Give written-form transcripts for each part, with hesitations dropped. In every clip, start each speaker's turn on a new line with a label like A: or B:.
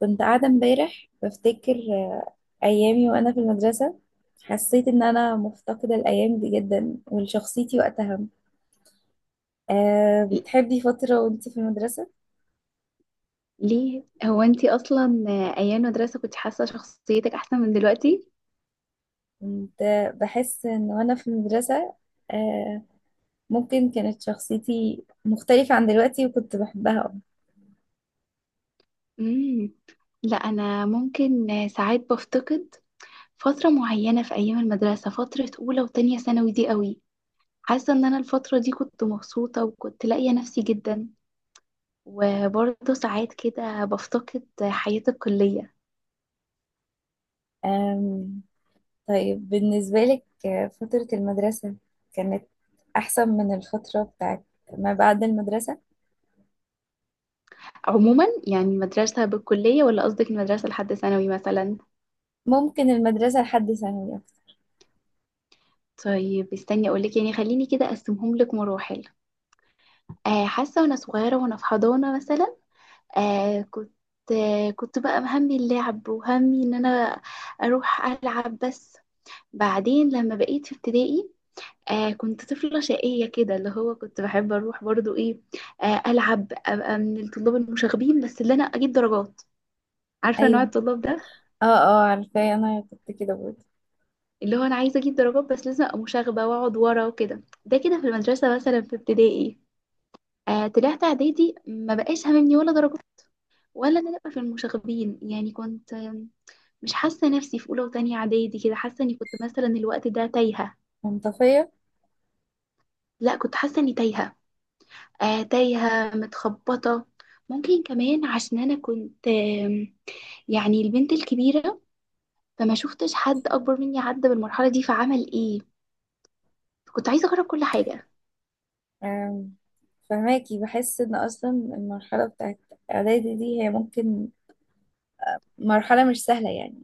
A: كنت قاعدة امبارح بفتكر أيامي وأنا في المدرسة. حسيت إن أنا مفتقدة الأيام دي جدا ولشخصيتي وقتها. أه بتحبي فترة وأنت في المدرسة؟
B: ليه هو انتي اصلا ايام المدرسه كنت حاسه شخصيتك احسن من دلوقتي؟
A: كنت بحس إن وأنا في المدرسة أه ممكن كانت شخصيتي مختلفة عن دلوقتي وكنت بحبها.
B: امم. لا انا ممكن ساعات بفتقد فتره معينه في ايام المدرسه، فتره اولى وتانية ثانوي دي قوي. حاسه ان انا الفتره دي كنت مبسوطه وكنت لاقيه نفسي جدا، وبرضه ساعات كده بفتقد حياه الكليه.
A: أم، طيب بالنسبة لك فترة المدرسة كانت أحسن من الفترة بتاعت ما بعد المدرسة؟
B: عموما يعني مدرسه بالكليه ولا قصدك المدرسه لحد ثانوي مثلا؟
A: ممكن المدرسة لحد ثانوي.
B: طيب استني اقولك، يعني خليني كده اقسمهم لك مراحل. حاسة وأنا صغيرة وأنا في حضانة مثلا، آه كنت كنت بقى همي اللعب وهمي إن أنا أروح ألعب بس. بعدين لما بقيت في ابتدائي، كنت طفلة شقية كده، اللي هو كنت بحب أروح برضو إيه، ألعب أبقى من الطلاب المشاغبين بس اللي أنا أجيب درجات. عارفة نوع
A: أيوة،
B: الطلاب ده؟
A: اه اه عارفاه، انا كنت كده برضه
B: اللي هو أنا عايزة أجيب درجات بس لازم أبقى مشاغبة وأقعد ورا وكده، ده كده في المدرسة مثلا في ابتدائي. طلعت إعدادي ما بقاش هاممني ولا درجات ولا انا ابقى في المشاغبين، يعني مش حاسه نفسي في اولى وتانية اعدادي كده، حاسه اني كنت مثلا الوقت ده تايهه.
A: منطفية.
B: لا كنت حاسه اني تايهه، تايهه متخبطه. ممكن كمان عشان انا كنت يعني البنت الكبيره، فما شفتش حد اكبر مني عدى بالمرحله دي، فعمل ايه؟ كنت عايزه اجرب كل حاجه.
A: آم، فهماكي، بحس ان اصلا المرحلة بتاعت اعدادي دي هي ممكن مرحلة مش سهلة يعني.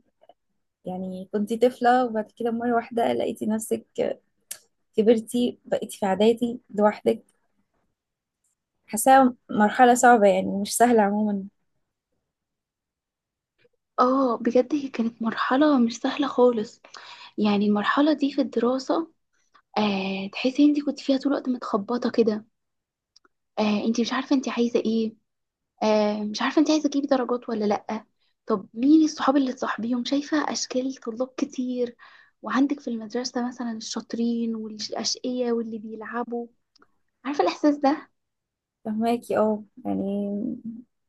A: يعني كنتي طفلة وبعد كده مرة واحدة لقيتي نفسك كبرتي بقيتي في اعدادي لوحدك. حاساها مرحلة صعبة يعني مش سهلة عموما.
B: اه بجد هي كانت مرحله مش سهله خالص، يعني المرحله دي في الدراسه، تحسي انت كنت فيها طول الوقت متخبطه كده، انت مش عارفه انت عايزه ايه، مش عارفة انت عايزة تجيبي درجات ولا لأ. طب مين الصحاب اللي تصاحبيهم؟ شايفة أشكال طلاب كتير وعندك في المدرسة مثلا الشاطرين والأشقية واللي بيلعبوا. عارفة الإحساس ده؟
A: فهماكي اه يعني،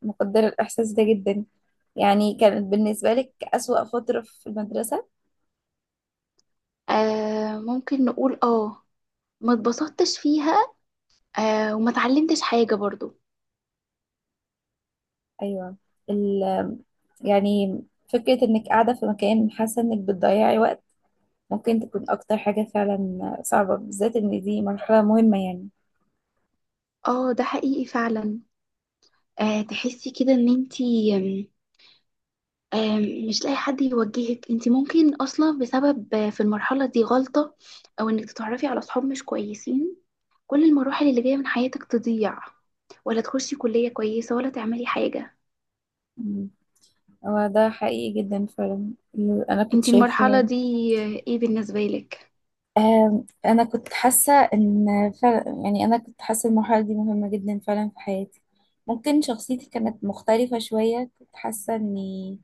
A: مقدرة الاحساس ده جدا. يعني كانت بالنسبة لك اسوأ فترة في المدرسة؟
B: ممكن نقول اه، ما اتبسطتش فيها، وما اتعلمتش حاجة برضو.
A: ايوه. يعني فكرة إنك قاعدة في مكان حاسة إنك بتضيعي وقت ممكن تكون أكتر حاجة فعلا صعبة، بالذات إن دي مرحلة مهمة يعني.
B: اه ده حقيقي فعلا، تحسي كده ان انتي مش لاقي حد يوجهك، انت ممكن اصلا بسبب في المرحله دي غلطه او انك تتعرفي على اصحاب مش كويسين، كل المراحل اللي جايه من حياتك تضيع، ولا تخشي كليه كويسه ولا تعملي حاجه.
A: مم. هو ده حقيقي جدا فعلا. أنا كنت
B: انت المرحله
A: شايفة.
B: دي ايه بالنسبه لك؟
A: أنا كنت حاسة إن فعلا، يعني أنا كنت حاسة المرحلة دي مهمة جدا فعلا في حياتي. ممكن شخصيتي كانت مختلفة شوية. كنت حاسة إني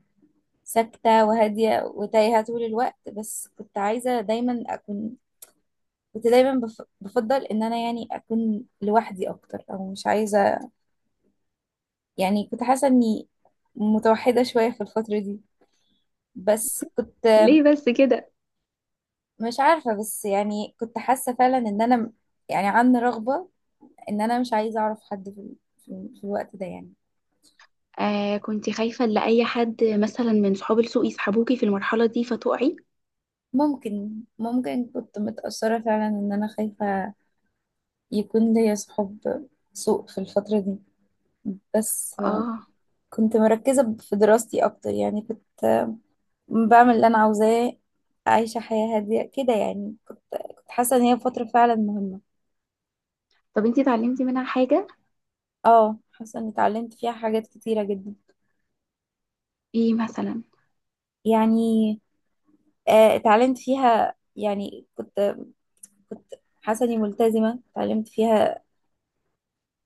A: ساكتة وهادية وتايهة طول الوقت، بس كنت عايزة دايما أكون. كنت دايما بفضل ان انا يعني اكون لوحدي اكتر او مش عايزه. يعني كنت حاسه اني متوحده شويه في الفتره دي. بس كنت
B: ليه بس كده؟
A: مش عارفه، بس يعني كنت حاسه فعلا ان انا يعني عندي رغبه ان انا مش عايزه اعرف حد في الوقت ده يعني.
B: كنت خايفه ان اي حد مثلا من صحاب السوق يسحبوكي في المرحله دي فتقعي.
A: ممكن كنت متاثره فعلا ان انا خايفه يكون ليا صحاب سوء في الفتره دي. بس
B: اه،
A: كنت مركزه في دراستي اكتر يعني. بعمل اللي انا عاوزاه، عايشه حياه هاديه كده. يعني كنت حاسه ان هي فتره فعلا مهمه.
B: طب انت اتعلمتي منها حاجه؟
A: اه، حاسه اني اتعلمت فيها حاجات كتيره جدا.
B: ايه مثلا؟
A: يعني اتعلمت فيها، يعني كنت حاسه اني ملتزمه. اتعلمت فيها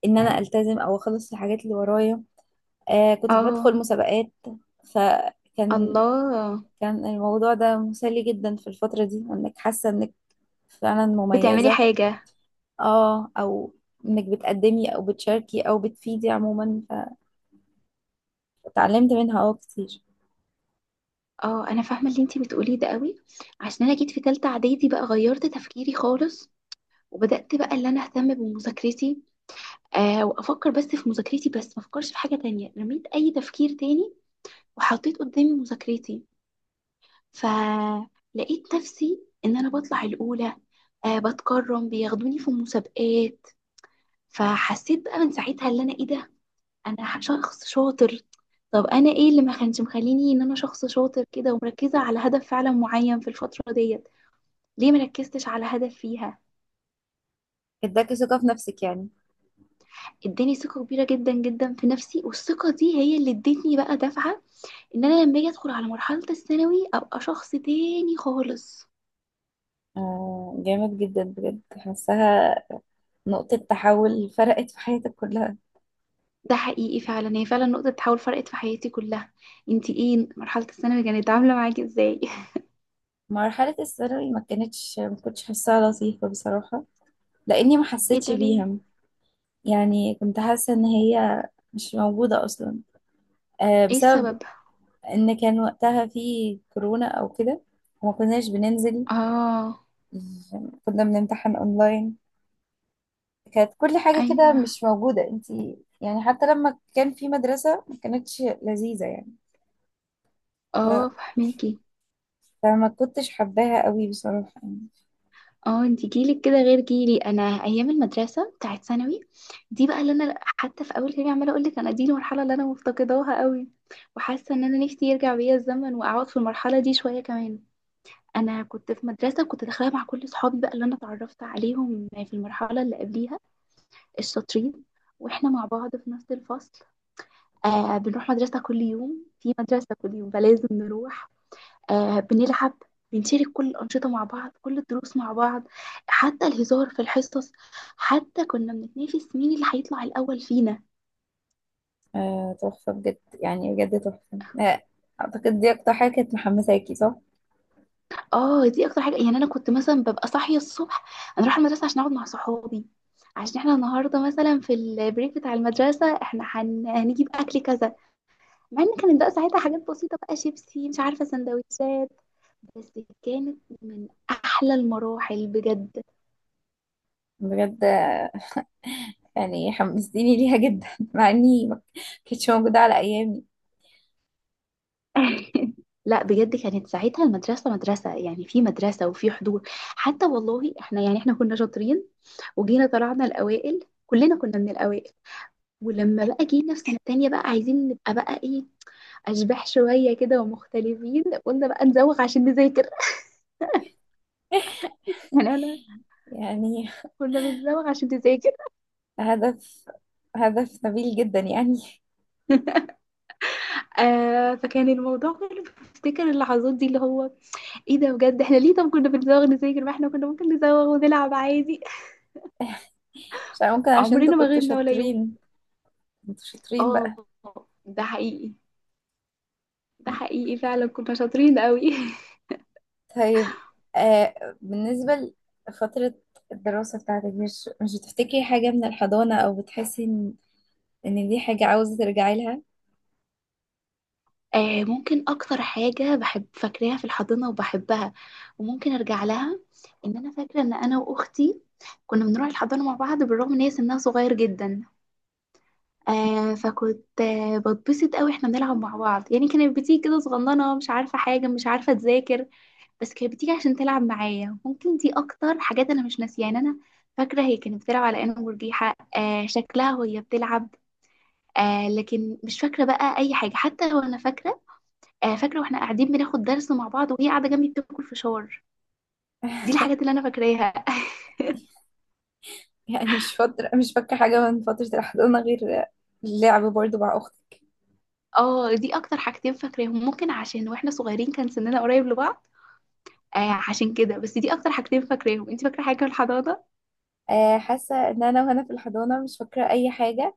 A: ان انا التزم او اخلص الحاجات اللي ورايا. كنت بدخل
B: اه.
A: مسابقات. فكان
B: الله.
A: كان الموضوع ده مسلي جدا في الفتره دي، انك حاسه انك فعلا
B: بتعملي
A: مميزه.
B: حاجه؟
A: اه، او انك بتقدمي او بتشاركي او بتفيدي عموما. فتعلمت منها اه كتير.
B: اه انا فاهمه اللي انتي بتقوليه ده قوي، عشان انا جيت في تالتة اعدادي بقى غيرت تفكيري خالص، وبدات بقى اللي انا اهتم بمذاكرتي، وافكر بس في مذاكرتي، بس ما افكرش في حاجه تانية، رميت اي تفكير تاني وحطيت قدامي مذاكرتي. فلقيت نفسي ان انا بطلع الاولى، بتكرم بياخدوني في المسابقات. فحسيت بقى من ساعتها اللي انا ايه ده، انا شخص شاطر. طب انا ايه اللي ما كانش مخليني ان انا شخص شاطر كده ومركزه على هدف فعلا معين في الفتره ديت؟ ليه مركزتش على هدف فيها؟
A: اداكي ثقة في نفسك يعني.
B: اداني ثقة كبيرة جدا جدا في نفسي، والثقة دي هي اللي ادتني بقى دفعة، ان انا لما اجي ادخل على مرحلة الثانوي ابقى شخص تاني خالص.
A: آه، جامد جدا بجد. حاساها نقطة تحول فرقت في حياتك كلها.
B: ده حقيقي فعلا، هي فعلا نقطة تحول فرقت في حياتي كلها. انتي ايه مرحلة الثانوي كانت عاملة معاكي ازاي؟
A: مرحلة الثانوي ما كانتش، ما كنتش حاساها لطيفة بصراحة، لأني ما
B: ايه
A: حسيتش
B: ده ليه؟
A: بيها. يعني كنت حاسة إن هي مش موجودة أصلا،
B: ايه
A: بسبب
B: السبب؟
A: ان كان وقتها في كورونا او كده وما كناش بننزل.
B: اه،
A: كنا بنمتحن اونلاين. كانت كل حاجة كده
B: ايوه،
A: مش موجودة. انتي يعني حتى لما كان في مدرسة ما كانتش لذيذة يعني.
B: اه
A: ف-
B: فهماكي،
A: فما كنتش حباها قوي بصراحة يعني.
B: اه. انتي جيلك كده غير جيلي، انا ايام المدرسة بتاعت ثانوي دي بقى اللي انا، حتى في اول كلامي عماله اقول لك انا دي المرحله اللي انا مفتقداها قوي، وحاسه ان انا نفسي يرجع بيا الزمن واقعد في المرحله دي شويه كمان. انا كنت في مدرسه كنت داخلها مع كل صحابي بقى، اللي انا اتعرفت عليهم في المرحله اللي قبليها، الشاطرين، واحنا مع بعض في نفس الفصل، بنروح مدرسه كل يوم، في مدرسه كل يوم فلازم نروح، بنلعب، بنشارك كل الأنشطة مع بعض، كل الدروس مع بعض، حتى الهزار في الحصص، حتى كنا بنتنافس مين اللي هيطلع الأول فينا.
A: تحفة بجد، يعني بجد تحفة. اعتقد دي اكتر حاجة كانت محمساكي، صح؟
B: اه دي اكتر حاجه، يعني انا كنت مثلا ببقى صاحيه الصبح، انا اروح المدرسه عشان اقعد مع صحابي، عشان احنا النهارده مثلا في البريك بتاع المدرسه احنا هنجيب اكل كذا. مع ان كانت بقى ساعتها حاجات بسيطه بقى، شيبسي مش عارفه سندوتشات، بس كانت من احلى المراحل بجد.
A: بجد، يعني حمستيني ليها جدا مع اني ما كانتش موجودة على ايامي.
B: لا بجد، كانت ساعتها المدرسه مدرسه، يعني في مدرسه وفي حضور، حتى والله احنا يعني احنا كنا شاطرين، وجينا طلعنا الاوائل كلنا كنا من الاوائل. ولما بقى جينا في سنة تانية بقى عايزين نبقى بقى ايه، أشباح شوية كده ومختلفين، قلنا بقى نزوغ عشان نذاكر يعني أنا
A: يعني
B: كنا بنزوغ عشان نذاكر،
A: هدف، هدف نبيل جدا يعني.
B: فكان الموضوع كله بفتكر اللحظات دي اللي هو ايه ده، بجد احنا ليه؟ طب كنا بنزوغ نذاكر، ما احنا كنا ممكن نزوغ ونلعب عادي.
A: مش عارفة، ممكن عشان انتوا
B: عمرنا ما
A: كنتوا
B: غبنا ولا يوم.
A: شاطرين. انتوا شاطرين
B: اه
A: بقى.
B: ده حقيقي، ده حقيقي فعلا كنا شاطرين قوي
A: طيب، آه بالنسبة لفترة الدراسة بتاعتك، مش بتفتكري حاجة من الحضانة او بتحسي ان ان دي حاجة عاوزة ترجعي لها؟
B: ممكن اكتر حاجه بحب فاكراها في الحضانه وبحبها، وممكن ارجع لها، ان انا فاكره ان انا واختي كنا بنروح الحضانه مع بعض، بالرغم ان هي سنها صغير جدا، فكنت بتبسط قوي، احنا بنلعب مع بعض، يعني كانت بتيجي كده صغننه، مش عارفه حاجه، مش عارفه تذاكر، بس كانت بتيجي عشان تلعب معايا، ممكن دي اكتر حاجات انا مش ناسيها يعني. انا فاكره هي كانت بتلعب على انه مرجيحه، شكلها وهي بتلعب، لكن مش فاكره بقى اي حاجه، حتى وانا فاكره واحنا قاعدين بناخد درس مع بعض وهي قاعده جنبي بتاكل فشار. دي الحاجات اللي انا فاكراها.
A: يعني مش فترة، مش فاكرة حاجة من فترة الحضانة غير اللعب برضو مع أختي.
B: اه دي اكتر حاجتين فاكراهم، ممكن عشان واحنا صغيرين كان سننا قريب لبعض، عشان كده بس دي اكتر حاجتين فاكراهم، انت فاكره حاجه في الحضانه؟
A: حاسة إن أنا وأنا في الحضانة مش فاكرة أي حاجة،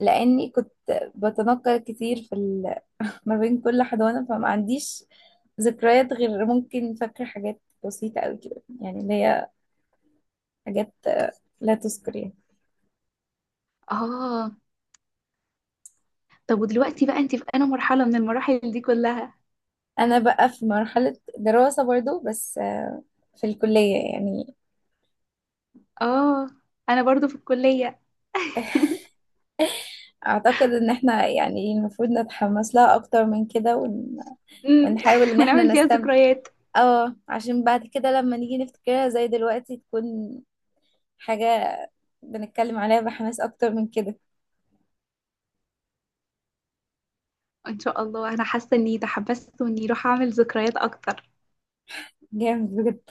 A: لاني كنت بتنقل كتير ما بين كل حضانه، فما عنديش ذكريات، غير ممكن فاكره حاجات بسيطه قوي كده، يعني اللي هي حاجات لا تذكر يعني.
B: اه، طب ودلوقتي بقى انت في انا مرحله من المراحل دي كلها؟
A: انا بقى في مرحله دراسه برضو، بس في الكليه يعني.
B: اه انا برضو في الكليه.
A: اعتقد ان احنا يعني المفروض نتحمس لها اكتر من كده
B: أمم.
A: ونحاول ان احنا
B: بنعمل فيها
A: نستمتع.
B: ذكريات،
A: اه، عشان بعد كده لما نيجي نفتكرها زي دلوقتي تكون حاجه بنتكلم عليها بحماس اكتر من كده.
B: ان شاء الله انا حاسه اني تحمست واني راح اعمل ذكريات اكتر.
A: جامد بجد.